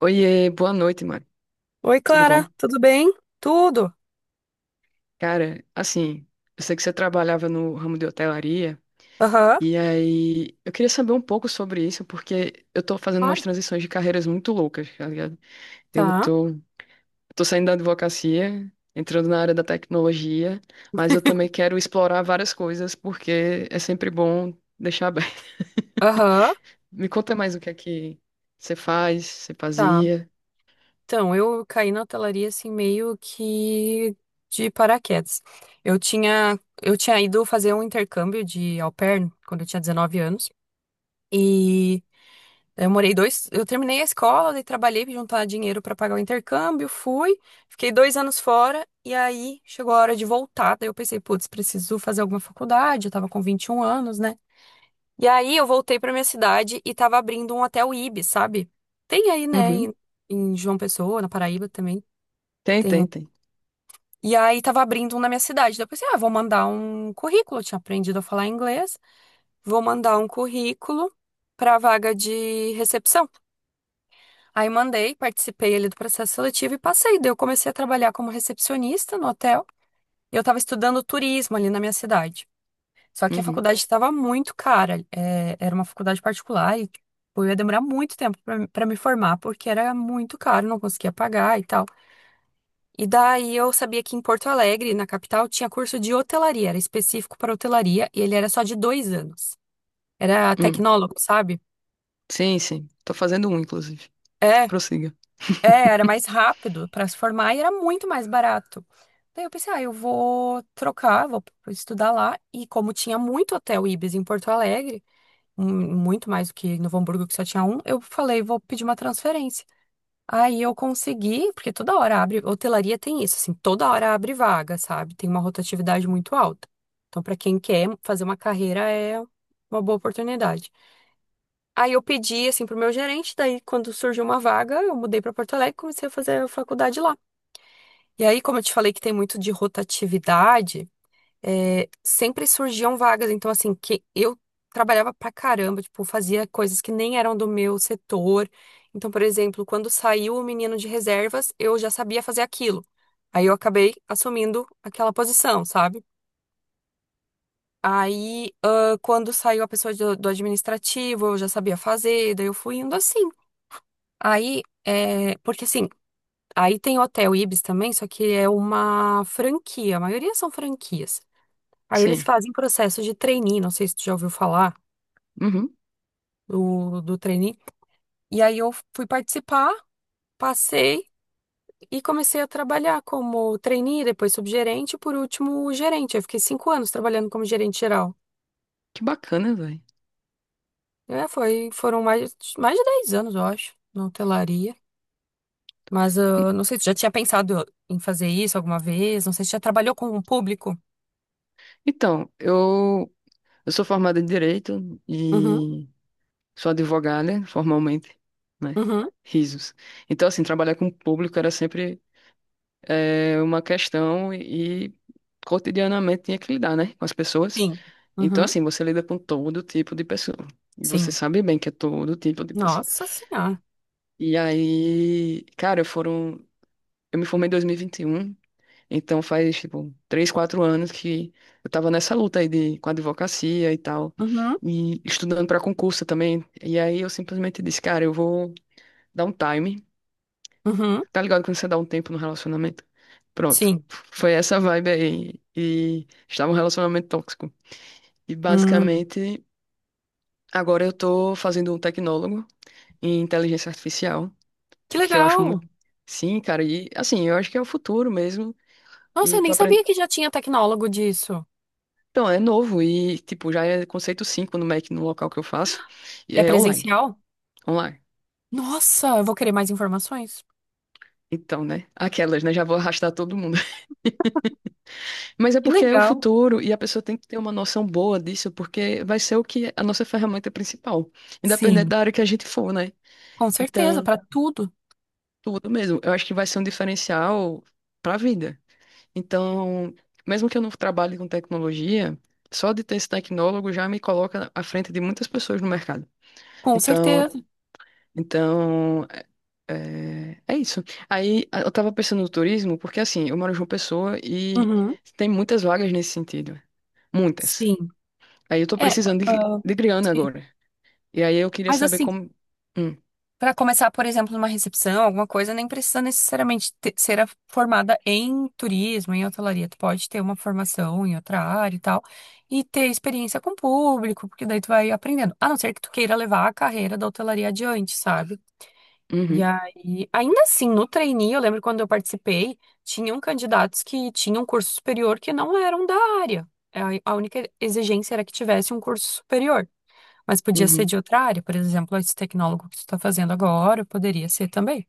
Oiê, boa noite, Mari. Oi, Tudo Clara, bom? tudo bem? Tudo? Cara, assim, eu sei que você trabalhava no ramo de hotelaria, Aham. e aí eu queria saber um pouco sobre isso, porque eu tô fazendo umas Claro. transições de carreiras muito loucas, tá ligado? Eu Tá. tô, tô saindo da advocacia, entrando na área da tecnologia, mas eu também quero explorar várias coisas, porque é sempre bom deixar aberto. Aham. Me conta mais o que é que você faz, você Tá. fazia. Então, eu caí na hotelaria assim meio que de paraquedas. Eu tinha ido fazer um intercâmbio de au pair quando eu tinha 19 anos e eu terminei a escola, daí trabalhei para juntar dinheiro para pagar o intercâmbio, fui, fiquei 2 anos fora e aí chegou a hora de voltar. Daí eu pensei, putz, preciso fazer alguma faculdade, eu tava com 21 anos, né? E aí eu voltei pra minha cidade e tava abrindo um hotel Ibis, sabe? Tem aí, né, Uhum. em João Pessoa, na Paraíba também, Tem, tem. Um. tem, tem. E aí tava abrindo um na minha cidade. Daí eu pensei, ah, vou mandar um currículo, eu tinha aprendido a falar inglês, vou mandar um currículo pra vaga de recepção. Aí mandei, participei ali do processo seletivo e passei. Daí eu comecei a trabalhar como recepcionista no hotel. E eu tava estudando turismo ali na minha cidade. Só que a Uhum. faculdade estava muito cara. Era uma faculdade particular e tipo, eu ia demorar muito tempo para me formar, porque era muito caro, não conseguia pagar e tal. E daí eu sabia que em Porto Alegre, na capital, tinha curso de hotelaria, era específico para hotelaria e ele era só de 2 anos. Era Hum. tecnólogo, sabe? Sim, sim. Tô fazendo um, inclusive. É, Prossiga. era mais rápido para se formar e era muito mais barato. Daí eu pensei, ah, eu vou trocar, vou estudar lá. E como tinha muito hotel Ibis em Porto Alegre, muito mais do que em Novo Hamburgo, que só tinha um, eu falei, vou pedir uma transferência. Aí eu consegui, porque toda hora abre, hotelaria tem isso, assim, toda hora abre vaga, sabe? Tem uma rotatividade muito alta. Então, para quem quer fazer uma carreira, é uma boa oportunidade. Aí eu pedi, assim, pro meu gerente, daí quando surgiu uma vaga, eu mudei para Porto Alegre e comecei a fazer a faculdade lá. E aí, como eu te falei que tem muito de rotatividade, sempre surgiam vagas. Então, assim, que eu trabalhava pra caramba, tipo, fazia coisas que nem eram do meu setor. Então, por exemplo, quando saiu o menino de reservas, eu já sabia fazer aquilo. Aí eu acabei assumindo aquela posição, sabe? Aí, ah, quando saiu a pessoa do administrativo, eu já sabia fazer, daí eu fui indo assim. Aí, porque assim, aí tem o Hotel Ibis também, só que é uma franquia, a maioria são franquias. Aí eles Sim. fazem processo de trainee, não sei se tu já ouviu falar Uhum. do trainee. E aí eu fui participar, passei e comecei a trabalhar como trainee, depois subgerente, e por último gerente. Eu fiquei 5 anos trabalhando como gerente geral. Que bacana, velho. Foram mais de 10 anos, eu acho, na hotelaria. Mas não sei se tu já tinha pensado em fazer isso alguma vez, não sei se já trabalhou com o público. Então, eu sou formada em Direito Uhum, e sou advogada formalmente, né? uhum, Risos. Então, assim, trabalhar com o público era sempre uma questão e cotidianamente tinha que lidar, né? Com as pessoas. sim. Então, Uhum, assim, você lida com todo tipo de pessoa. E você sim. sabe bem que é todo tipo de pessoa. Nossa Senhora. E aí, cara, foram. Eu me formei em 2021. Então faz, tipo, 3, 4 anos que eu tava nessa luta aí com a advocacia e tal, Uhum, e estudando para concurso também. E aí eu simplesmente disse, cara, eu vou dar um time. uhum, Tá ligado quando você dá um tempo no relacionamento? Pronto. sim. Foi essa vibe aí. E estava um relacionamento tóxico. E Hum. basicamente, agora eu tô fazendo um tecnólogo em inteligência artificial, Que porque eu acho legal! muito. Sim, cara, e assim, eu acho que é o futuro mesmo. Nossa, E eu nem tô sabia apren- que já tinha tecnólogo disso. Então, é novo e, tipo, já é conceito 5 no Mac, no local que eu faço. E É é online. presencial? Online. Nossa, eu vou querer mais informações. Então, né? Aquelas, né? Já vou arrastar todo mundo. Mas é Que porque é o legal! futuro e a pessoa tem que ter uma noção boa disso, porque vai ser o que é a nossa ferramenta principal, independente Sim, da área que a gente for, né? com certeza, Então, para tudo. tudo mesmo. Eu acho que vai ser um diferencial para a vida. Então, mesmo que eu não trabalhe com tecnologia, só de ter esse tecnólogo já me coloca à frente de muitas pessoas no mercado. Com certeza. Então, então é, isso. Eu tava pensando no turismo, porque assim, eu moro em João Pessoa e Uhum. tem muitas vagas nesse sentido. Muitas. Sim. Aí eu tô É, precisando de, ah, de grana sim. agora. E aí eu queria Mas saber assim, como. Hum, para começar, por exemplo, numa recepção, alguma coisa, nem precisa necessariamente ser formada em turismo, em hotelaria. Tu pode ter uma formação em outra área e tal, e ter experiência com o público, porque daí tu vai aprendendo. A não ser que tu queira levar a carreira da hotelaria adiante, sabe? E uhum, aí, ainda assim, no trainee, eu lembro quando eu participei, tinham candidatos que tinham um curso superior que não eram da área. A única exigência era que tivesse um curso superior, mas podia ser uhum, de outra área, por exemplo, esse tecnólogo que tu está fazendo agora, poderia ser também,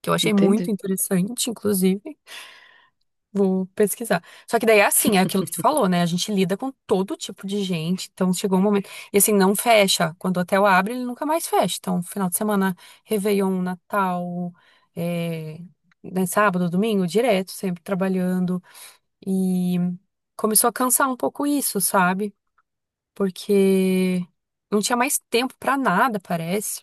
que eu achei muito entende? interessante, inclusive. Vou pesquisar. Só que daí é assim, é aquilo que tu falou, né? A gente lida com todo tipo de gente, então chegou um momento. E assim, não fecha. Quando o hotel abre, ele nunca mais fecha. Então, final de semana, Réveillon, Natal, é, né, sábado, domingo, direto, sempre trabalhando. E começou a cansar um pouco isso, sabe? Porque não tinha mais tempo pra nada, parece.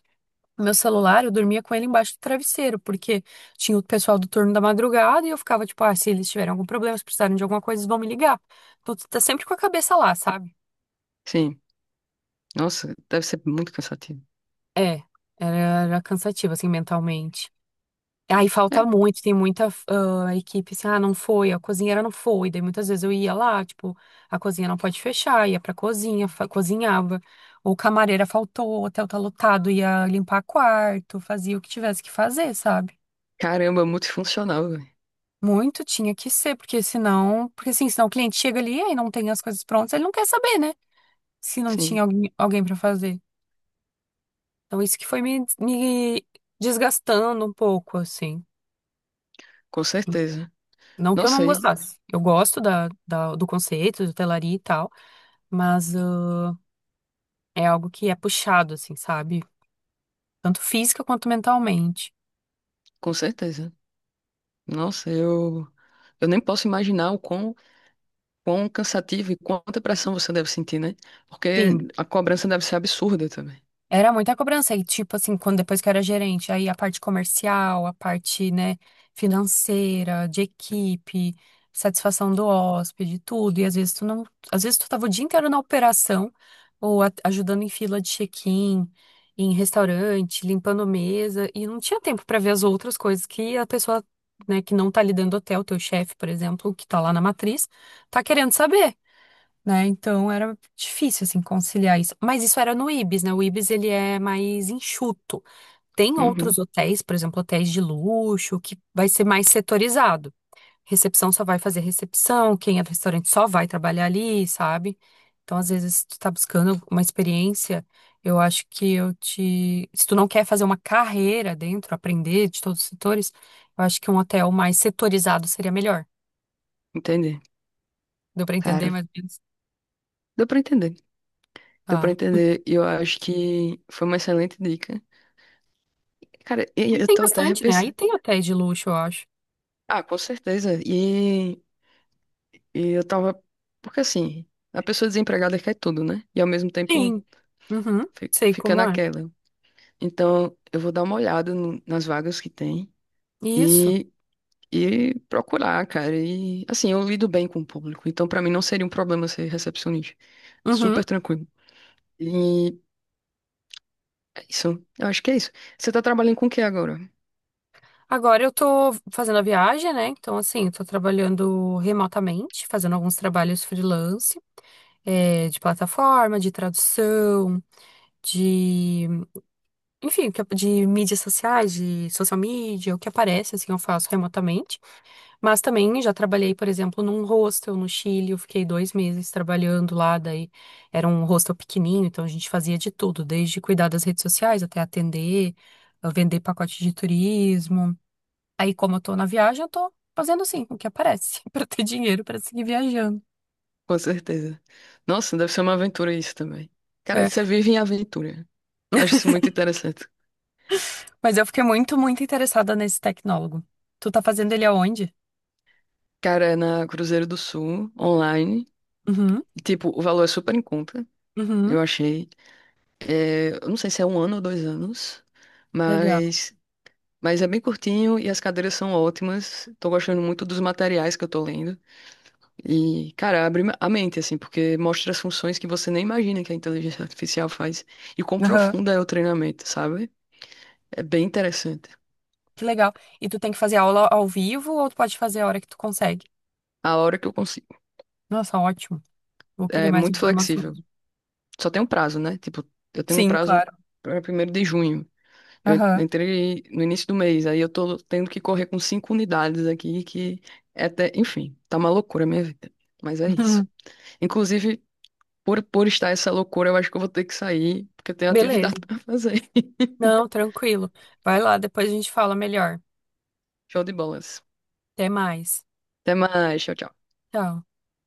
Meu celular, eu dormia com ele embaixo do travesseiro, porque tinha o pessoal do turno da madrugada e eu ficava tipo, ah, se eles tiverem algum problema, se precisarem de alguma coisa, eles vão me ligar. Então tu tá sempre com a cabeça lá, sabe? Sim. Nossa, deve ser muito cansativo. É, era, era cansativo, assim, mentalmente. Aí É, falta muito, tem muita equipe assim, não foi, a cozinheira não foi. Daí muitas vezes eu ia lá, tipo, a cozinha não pode fechar, ia pra cozinha, cozinhava. Ou camareira faltou, o hotel tá lotado, ia limpar quarto, fazia o que tivesse que fazer, sabe? caramba, multifuncional, velho. Muito tinha que ser, porque senão, porque assim, senão o cliente chega ali e não tem as coisas prontas, ele não quer saber, né? Se não tinha Sim, alguém para fazer. Então isso que foi me desgastando um pouco, assim. com certeza. Não que eu Nossa, não aí, gostasse. Eu gosto da, do conceito, de hotelaria e tal, mas é algo que é puxado, assim, sabe? Tanto física quanto mentalmente. com certeza. Nossa, eu. Eu nem posso imaginar o quão cansativo e quanta pressão você deve sentir, né? Sim. Porque a cobrança deve ser absurda também. Era muita cobrança. E, tipo assim, quando depois que eu era gerente, aí a parte comercial, a parte, né, financeira, de equipe, satisfação do hóspede, tudo. E às vezes tu não. Às vezes tu tava o dia inteiro na operação, ou ajudando em fila de check-in, em restaurante, limpando mesa, e não tinha tempo pra ver as outras coisas que a pessoa, né, que não tá lidando do hotel, teu chefe, por exemplo, que tá lá na matriz, tá querendo saber né? Então era difícil assim conciliar isso. Mas isso era no Ibis, né? O Ibis ele é mais enxuto. Tem Uhum, outros hotéis, por exemplo, hotéis de luxo, que vai ser mais setorizado. Recepção só vai fazer recepção, quem é do restaurante só vai trabalhar ali, sabe? Então, às vezes, se tu tá buscando uma experiência, eu acho que eu te. Se tu não quer fazer uma carreira dentro, aprender de todos os setores, eu acho que um hotel mais setorizado seria melhor. entendi. Deu pra entender Cara, mais ou menos? deu pra entender. Deu pra Tá. entender. E eu acho que foi uma excelente dica. Cara, e Aí eu tem tô até bastante, né? Aí repensando. tem hotéis de luxo, eu acho. Ah, com certeza. E eu tava. Porque assim, a pessoa desempregada quer tudo, né? E ao mesmo tempo Sim. Uhum. fi- Sei fica como é. naquela. Então, eu vou dar uma olhada nas vagas que tem. Isso. E procurar, cara. E assim, eu lido bem com o público, então pra mim não seria um problema ser recepcionista. Uhum. Super tranquilo. E é isso. Eu acho que é isso. Você tá trabalhando com o que agora? Agora eu tô fazendo a viagem, né? Então, assim, eu tô trabalhando remotamente, fazendo alguns trabalhos freelance, de plataforma, de tradução, de, enfim, de mídias sociais, de social media, o que aparece, assim, eu faço remotamente. Mas também já trabalhei, por exemplo, num hostel no Chile. Eu fiquei 2 meses trabalhando lá. Daí era um hostel pequenininho, então a gente fazia de tudo, desde cuidar das redes sociais até atender, vender pacote de turismo. Aí, como eu tô na viagem, eu tô fazendo assim, o que aparece, pra ter dinheiro pra seguir viajando. Com certeza. Nossa, deve ser uma aventura isso também. Cara, É, você vive em aventura. Eu acho isso muito interessante. mas eu fiquei muito, muito interessada nesse tecnólogo. Tu tá fazendo ele aonde? Cara, é na Cruzeiro do Sul, online. Uhum, E, tipo, o valor é super em conta, uhum, eu achei. É, eu não sei se é 1 ano ou 2 anos, legal. mas é bem curtinho e as cadeiras são ótimas. Tô gostando muito dos materiais que eu tô lendo. E, cara, abre a mente, assim, porque mostra as funções que você nem imagina que a inteligência artificial faz e quão Aham, profunda é o treinamento, sabe? É bem interessante. que legal. E tu tem que fazer aula ao vivo ou tu pode fazer a hora que tu consegue? A hora que eu consigo. Nossa, ótimo. Vou querer É mais muito flexível. informações. Só tem um prazo, né? Tipo, eu tenho um Sim, prazo claro. para 1º de junho. Eu en- Aham. entrei no início do mês, aí eu tô tendo que correr com cinco unidades aqui, que é até, enfim, tá uma loucura a minha vida. Mas é isso. Inclusive, por estar essa loucura, eu acho que eu vou ter que sair, porque eu tenho atividade Beleza. pra fazer. Não, tranquilo. Vai lá, depois a gente fala melhor. Show de bolas. Até mais. Até mais. Tchau, tchau. Tchau.